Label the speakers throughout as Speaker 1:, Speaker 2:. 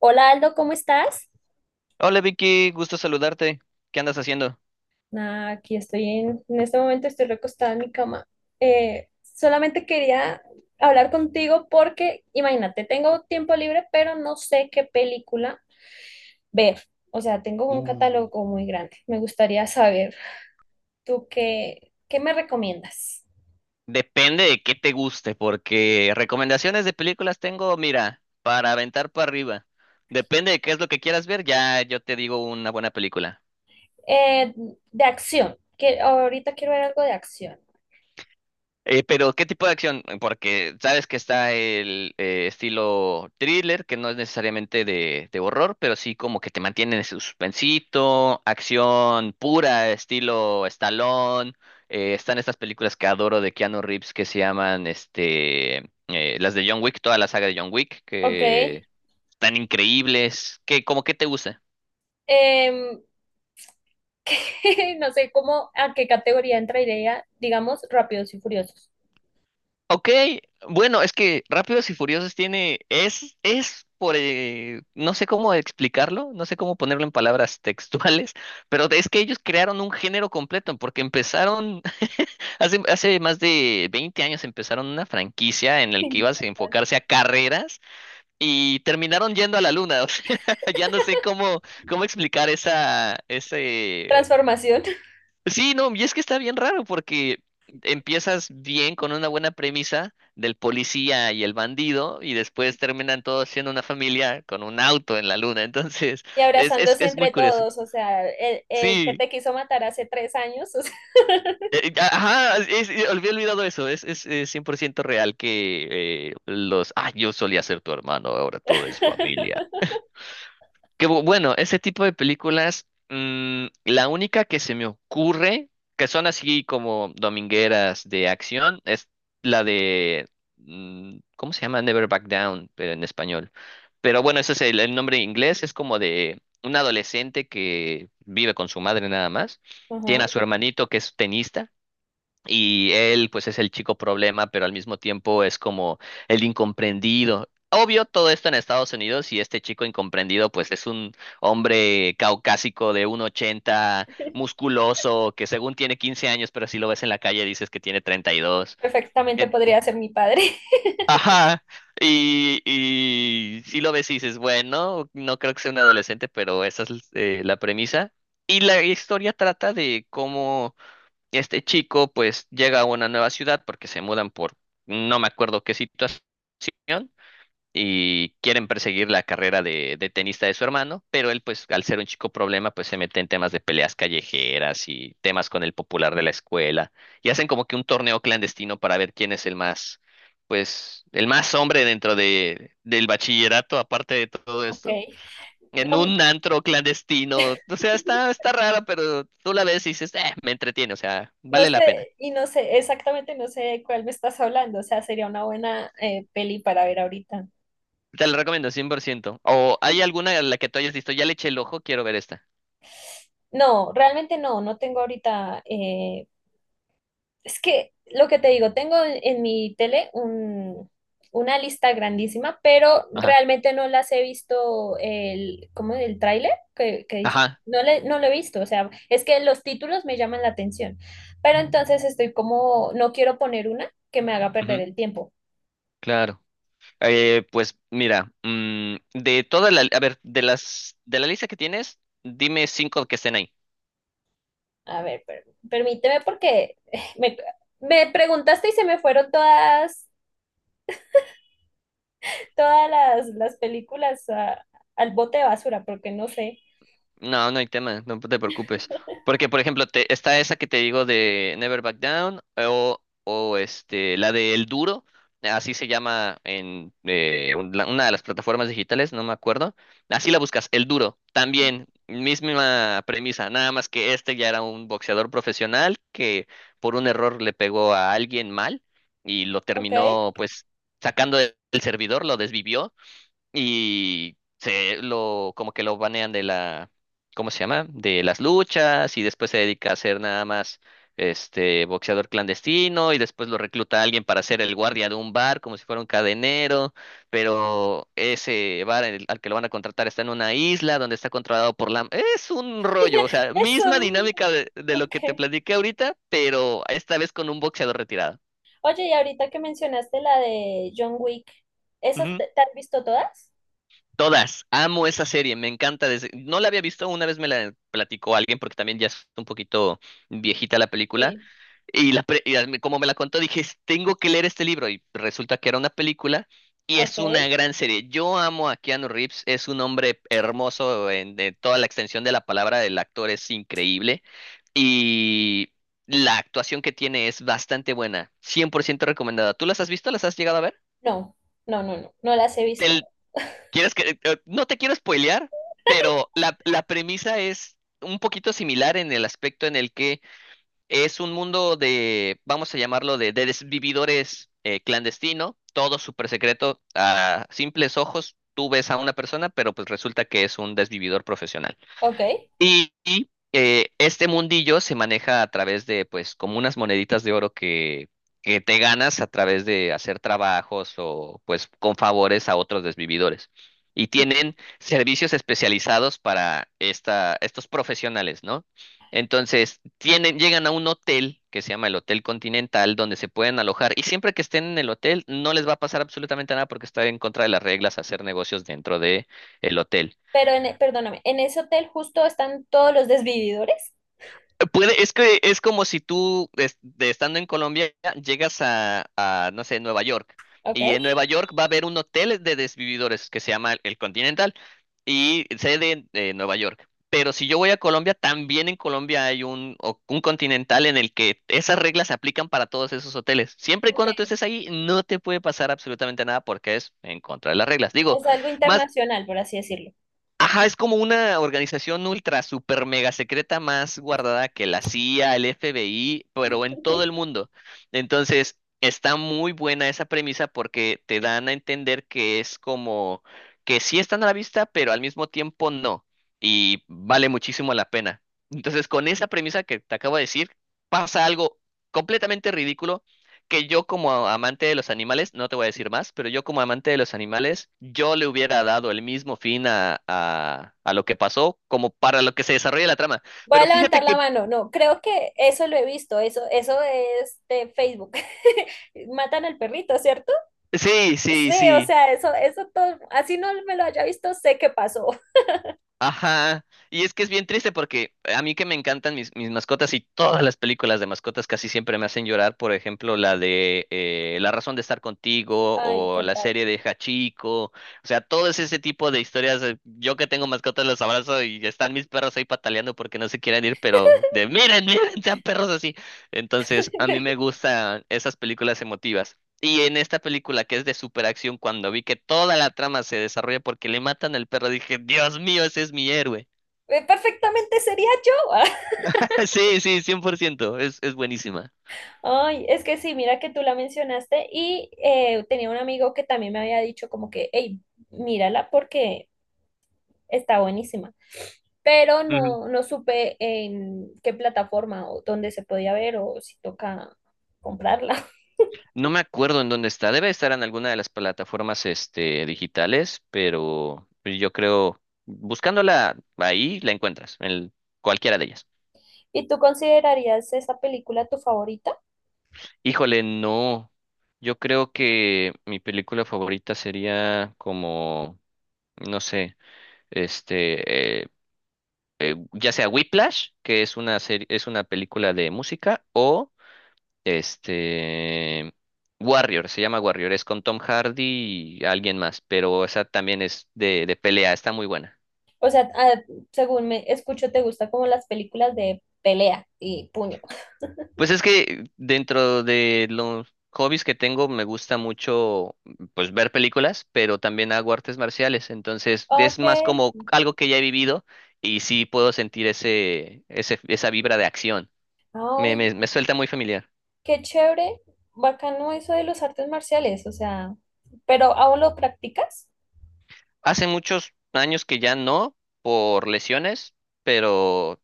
Speaker 1: Hola Aldo, ¿cómo estás?
Speaker 2: Hola Vicky, gusto saludarte. ¿Qué andas haciendo?
Speaker 1: Nada, aquí estoy en este momento estoy recostada en mi cama. Solamente quería hablar contigo porque, imagínate, tengo tiempo libre, pero no sé qué película ver. O sea, tengo un
Speaker 2: Uh,
Speaker 1: catálogo muy grande. Me gustaría saber, ¿tú qué me recomiendas?
Speaker 2: Depende de qué te guste, porque recomendaciones de películas tengo, mira, para aventar para arriba. Depende de qué es lo que quieras ver, ya yo te digo una buena película.
Speaker 1: Eh, de acción. Que ahorita quiero ver algo de acción.
Speaker 2: Pero, ¿qué tipo de acción? Porque sabes que está el estilo thriller, que no es necesariamente de horror, pero sí como que te mantiene en suspensito, acción pura, estilo Stallone. Están estas películas que adoro de Keanu Reeves que se llaman las de John Wick, toda la saga de John Wick,
Speaker 1: Ok.
Speaker 2: que están increíbles. ¿ Como qué te gusta?
Speaker 1: Em, no sé cómo, a qué categoría entraría, digamos, Rápidos y Furiosos.
Speaker 2: Ok, bueno, es que Rápidos y Furiosos tiene, no sé cómo explicarlo, no sé cómo ponerlo en palabras textuales, pero es que ellos crearon un género completo, porque empezaron, hace más de 20 años empezaron una franquicia en la que
Speaker 1: Sí,
Speaker 2: ibas a
Speaker 1: total.
Speaker 2: enfocarse a carreras y terminaron yendo a la luna, o sea, ya no sé cómo explicar esa, ese.
Speaker 1: Transformación
Speaker 2: Sí, no, y es que está bien raro porque empiezas bien con una buena premisa del policía y el bandido y después terminan todos siendo una familia con un auto en la luna. Entonces,
Speaker 1: y
Speaker 2: es, es,
Speaker 1: abrazándose
Speaker 2: es muy
Speaker 1: entre
Speaker 2: curioso.
Speaker 1: todos, o sea, el que
Speaker 2: Sí,
Speaker 1: te quiso matar hace 3 años, o sea.
Speaker 2: ajá, es- olvidé olvidado eso, 100% real que yo solía ser tu hermano, ahora todo es familia. Que bueno, ese tipo de películas, la única que se me ocurre, que son así como domingueras de acción, es la de, ¿cómo se llama? Never Back Down, pero en español. Pero bueno, ese es el nombre en inglés, es como de un adolescente que vive con su madre nada más, tiene a
Speaker 1: Ujú,
Speaker 2: su hermanito que es tenista y él, pues, es el chico problema, pero al mismo tiempo es como el incomprendido. Obvio, todo esto en Estados Unidos y este chico incomprendido, pues, es un hombre caucásico de 1,80, musculoso, que según tiene 15 años, pero si lo ves en la calle dices que tiene 32.
Speaker 1: perfectamente
Speaker 2: En-
Speaker 1: podría ser mi padre.
Speaker 2: Ajá. Y si lo ves y dices, bueno, no creo que sea un adolescente, pero esa es la premisa. Y la historia trata de cómo este chico pues llega a una nueva ciudad porque se mudan por no me acuerdo qué situación y quieren perseguir la carrera de tenista de su hermano, pero él pues al ser un chico problema pues se mete en temas de peleas callejeras y temas con el popular de la escuela y hacen como que un torneo clandestino para ver quién es el más pues el más hombre dentro de del bachillerato aparte de todo
Speaker 1: Ok.
Speaker 2: esto. En
Speaker 1: No,
Speaker 2: un antro clandestino, o sea, está rara, pero tú la ves y dices, me entretiene, o sea,
Speaker 1: no
Speaker 2: vale la pena.
Speaker 1: sé, y no sé, exactamente no sé de cuál me estás hablando, o sea, sería una buena peli para ver ahorita.
Speaker 2: Te la recomiendo, 100%. ¿O hay alguna a la que tú hayas visto? Ya le eché el ojo, quiero ver esta.
Speaker 1: No, realmente no, no tengo ahorita. Es que lo que te digo, tengo en mi tele una lista grandísima, pero
Speaker 2: Ajá,
Speaker 1: realmente no las he visto el, ¿cómo? El tráiler que dice.
Speaker 2: ajá,
Speaker 1: No, no lo he visto, o sea, es que los títulos me llaman la atención, pero entonces estoy como, no quiero poner una que me haga perder
Speaker 2: ujú,
Speaker 1: el tiempo.
Speaker 2: claro. Pues mira, a ver, de la lista que tienes, dime cinco que estén ahí.
Speaker 1: A ver, permíteme porque me preguntaste y se me fueron todas, todas las películas al bote de basura, porque no sé.
Speaker 2: No, no hay tema, no te preocupes. Porque, por ejemplo, está esa que te digo de Never Back Down o, o la de El Duro, así se llama en una de las plataformas digitales, no me acuerdo. Así la buscas, El Duro, también, misma premisa, nada más que este ya era un boxeador profesional que por un error le pegó a alguien mal y lo
Speaker 1: Ok,
Speaker 2: terminó pues sacando del servidor, lo desvivió y se lo, como que lo banean de la, ¿cómo se llama? De las luchas y después se dedica a ser nada más este boxeador clandestino y después lo recluta a alguien para ser el guardia de un bar como si fuera un cadenero, pero ese bar al que lo van a contratar está en una isla donde está controlado por la... Es un rollo, o sea,
Speaker 1: eso,
Speaker 2: misma dinámica de lo que te
Speaker 1: ok.
Speaker 2: platiqué ahorita, pero esta vez con un boxeador retirado.
Speaker 1: Oye, y ahorita que mencionaste la de John Wick, ¿esas te has visto todas?
Speaker 2: Todas, amo esa serie, me encanta. No la había visto, una vez me la platicó alguien porque también ya es un poquito viejita la película.
Speaker 1: Sí.
Speaker 2: Y, la pre- y al- como me la contó, dije, Tengo que leer este libro. Y resulta que era una película y es
Speaker 1: Ok.
Speaker 2: una gran serie. Yo amo a Keanu Reeves, es un hombre hermoso en de toda la extensión de la palabra, el actor es increíble y la actuación que tiene es bastante buena, 100% recomendada. ¿Tú las has visto? ¿Las has llegado a ver?
Speaker 1: No, no, no, no, no las he visto.
Speaker 2: ¿Quieres que, no te quiero spoilear, pero la premisa es un poquito similar en el aspecto en el que es un mundo de, vamos a llamarlo, de desvividores clandestino, todo súper secreto, a simples ojos. Tú ves a una persona, pero pues resulta que es un desvividor profesional.
Speaker 1: Ok.
Speaker 2: Y, este mundillo se maneja a través de, pues, como unas moneditas de oro que te ganas a través de hacer trabajos o, pues, con favores a otros desvividores. Y tienen servicios especializados para estos profesionales, ¿no? Entonces, llegan a un hotel que se llama el Hotel Continental, donde se pueden alojar. Y siempre que estén en el hotel, no les va a pasar absolutamente nada porque está en contra de las reglas hacer negocios dentro de el hotel.
Speaker 1: Pero, perdóname, ¿en ese hotel justo están todos los desvividores?
Speaker 2: Puede, es que es como si tú, de estando en Colombia, llegas a, no sé, Nueva York.
Speaker 1: Ok.
Speaker 2: Y en Nueva York va a haber un hotel de desvividores que se llama El Continental y sede de Nueva York. Pero si yo voy a Colombia, también en Colombia hay un Continental en el que esas reglas se aplican para todos esos hoteles. Siempre y
Speaker 1: Ok.
Speaker 2: cuando tú estés ahí, no te puede pasar absolutamente nada porque es en contra de las reglas. Digo,
Speaker 1: Es algo
Speaker 2: más,
Speaker 1: internacional, por así decirlo.
Speaker 2: ajá, es como una organización ultra, super, mega secreta más guardada que la CIA, el FBI, pero en todo el mundo. Entonces, está muy buena esa premisa porque te dan a entender que es como que sí están a la vista, pero al mismo tiempo no. Y vale muchísimo la pena. Entonces, con esa premisa que te acabo de decir, pasa algo completamente ridículo que yo como amante de los animales, no te voy a decir más, pero yo como amante de los animales, yo le hubiera dado el mismo fin a lo que pasó como para lo que se desarrolla la trama.
Speaker 1: Voy a
Speaker 2: Pero fíjate
Speaker 1: levantar
Speaker 2: que
Speaker 1: la mano. No, creo que eso lo he visto. Eso es de Facebook. Matan al perrito, ¿cierto?
Speaker 2: sí, sí,
Speaker 1: Sí, o
Speaker 2: sí.
Speaker 1: sea, eso todo, así no me lo haya visto, sé qué pasó.
Speaker 2: Ajá, y es que es bien triste porque a mí que me encantan mis mascotas y todas las películas de mascotas casi siempre me hacen llorar, por ejemplo, la de La razón de estar contigo
Speaker 1: Ay,
Speaker 2: o la
Speaker 1: totalmente.
Speaker 2: serie de Hachiko, o sea, todo ese tipo de historias, yo que tengo mascotas los abrazo y están mis perros ahí pataleando porque no se quieren ir, pero de miren, miren, sean perros así. Entonces, a mí me gustan esas películas emotivas. Y en esta película que es de superacción, cuando vi que toda la trama se desarrolla porque le matan al perro, dije, Dios mío, ese es mi héroe.
Speaker 1: Perfectamente sería yo.
Speaker 2: Sí, sí, 100% es buenísima.
Speaker 1: Ay, es que sí, mira que tú la mencionaste y tenía un amigo que también me había dicho como que, hey, mírala porque está buenísima, pero
Speaker 2: Ujú.
Speaker 1: no, no supe en qué plataforma o dónde se podía ver o si toca comprarla.
Speaker 2: No me acuerdo en dónde está, debe estar en alguna de las plataformas digitales, pero yo creo, buscándola ahí, la encuentras, en cualquiera de ellas.
Speaker 1: ¿Y tú considerarías esa película tu favorita?
Speaker 2: Híjole, no, yo creo que mi película favorita sería como, no sé, este, eh, ya sea Whiplash, que es una serie, es una película de música, o este Warrior, se llama Warrior, es con Tom Hardy y alguien más, pero esa también es de pelea, está muy buena.
Speaker 1: O sea, ah, según me escucho, te gusta como las películas de pelea y puño.
Speaker 2: Pues es que dentro de los hobbies que tengo me gusta mucho pues ver películas, pero también hago artes marciales, entonces es
Speaker 1: Ok.
Speaker 2: más como algo que ya he vivido y sí puedo sentir ese, ese esa vibra de acción. Me,
Speaker 1: Ay,
Speaker 2: me, me suelta muy familiar.
Speaker 1: qué chévere. Bacano eso de los artes marciales, o sea, ¿pero aún lo practicas?
Speaker 2: Hace muchos años que ya no, por lesiones, pero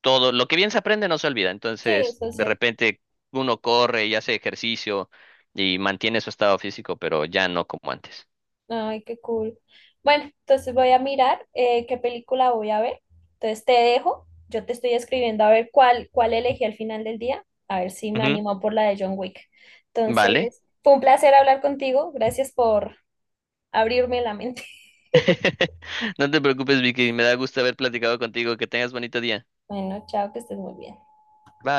Speaker 2: todo, lo que bien se aprende no se olvida.
Speaker 1: Sí,
Speaker 2: Entonces,
Speaker 1: eso es
Speaker 2: de
Speaker 1: cierto.
Speaker 2: repente uno corre y hace ejercicio y mantiene su estado físico, pero ya no como antes.
Speaker 1: Ay, qué cool. Bueno, entonces voy a mirar qué película voy a ver. Entonces te dejo. Yo te estoy escribiendo a ver cuál elegí al final del día. A ver si me
Speaker 2: Ujú,
Speaker 1: animo por la de John Wick.
Speaker 2: vale.
Speaker 1: Entonces, fue un placer hablar contigo. Gracias por abrirme la mente.
Speaker 2: No te preocupes, Vicky. Me da gusto haber platicado contigo. Que tengas bonito día.
Speaker 1: Bueno, chao, que estés muy bien.
Speaker 2: Bye.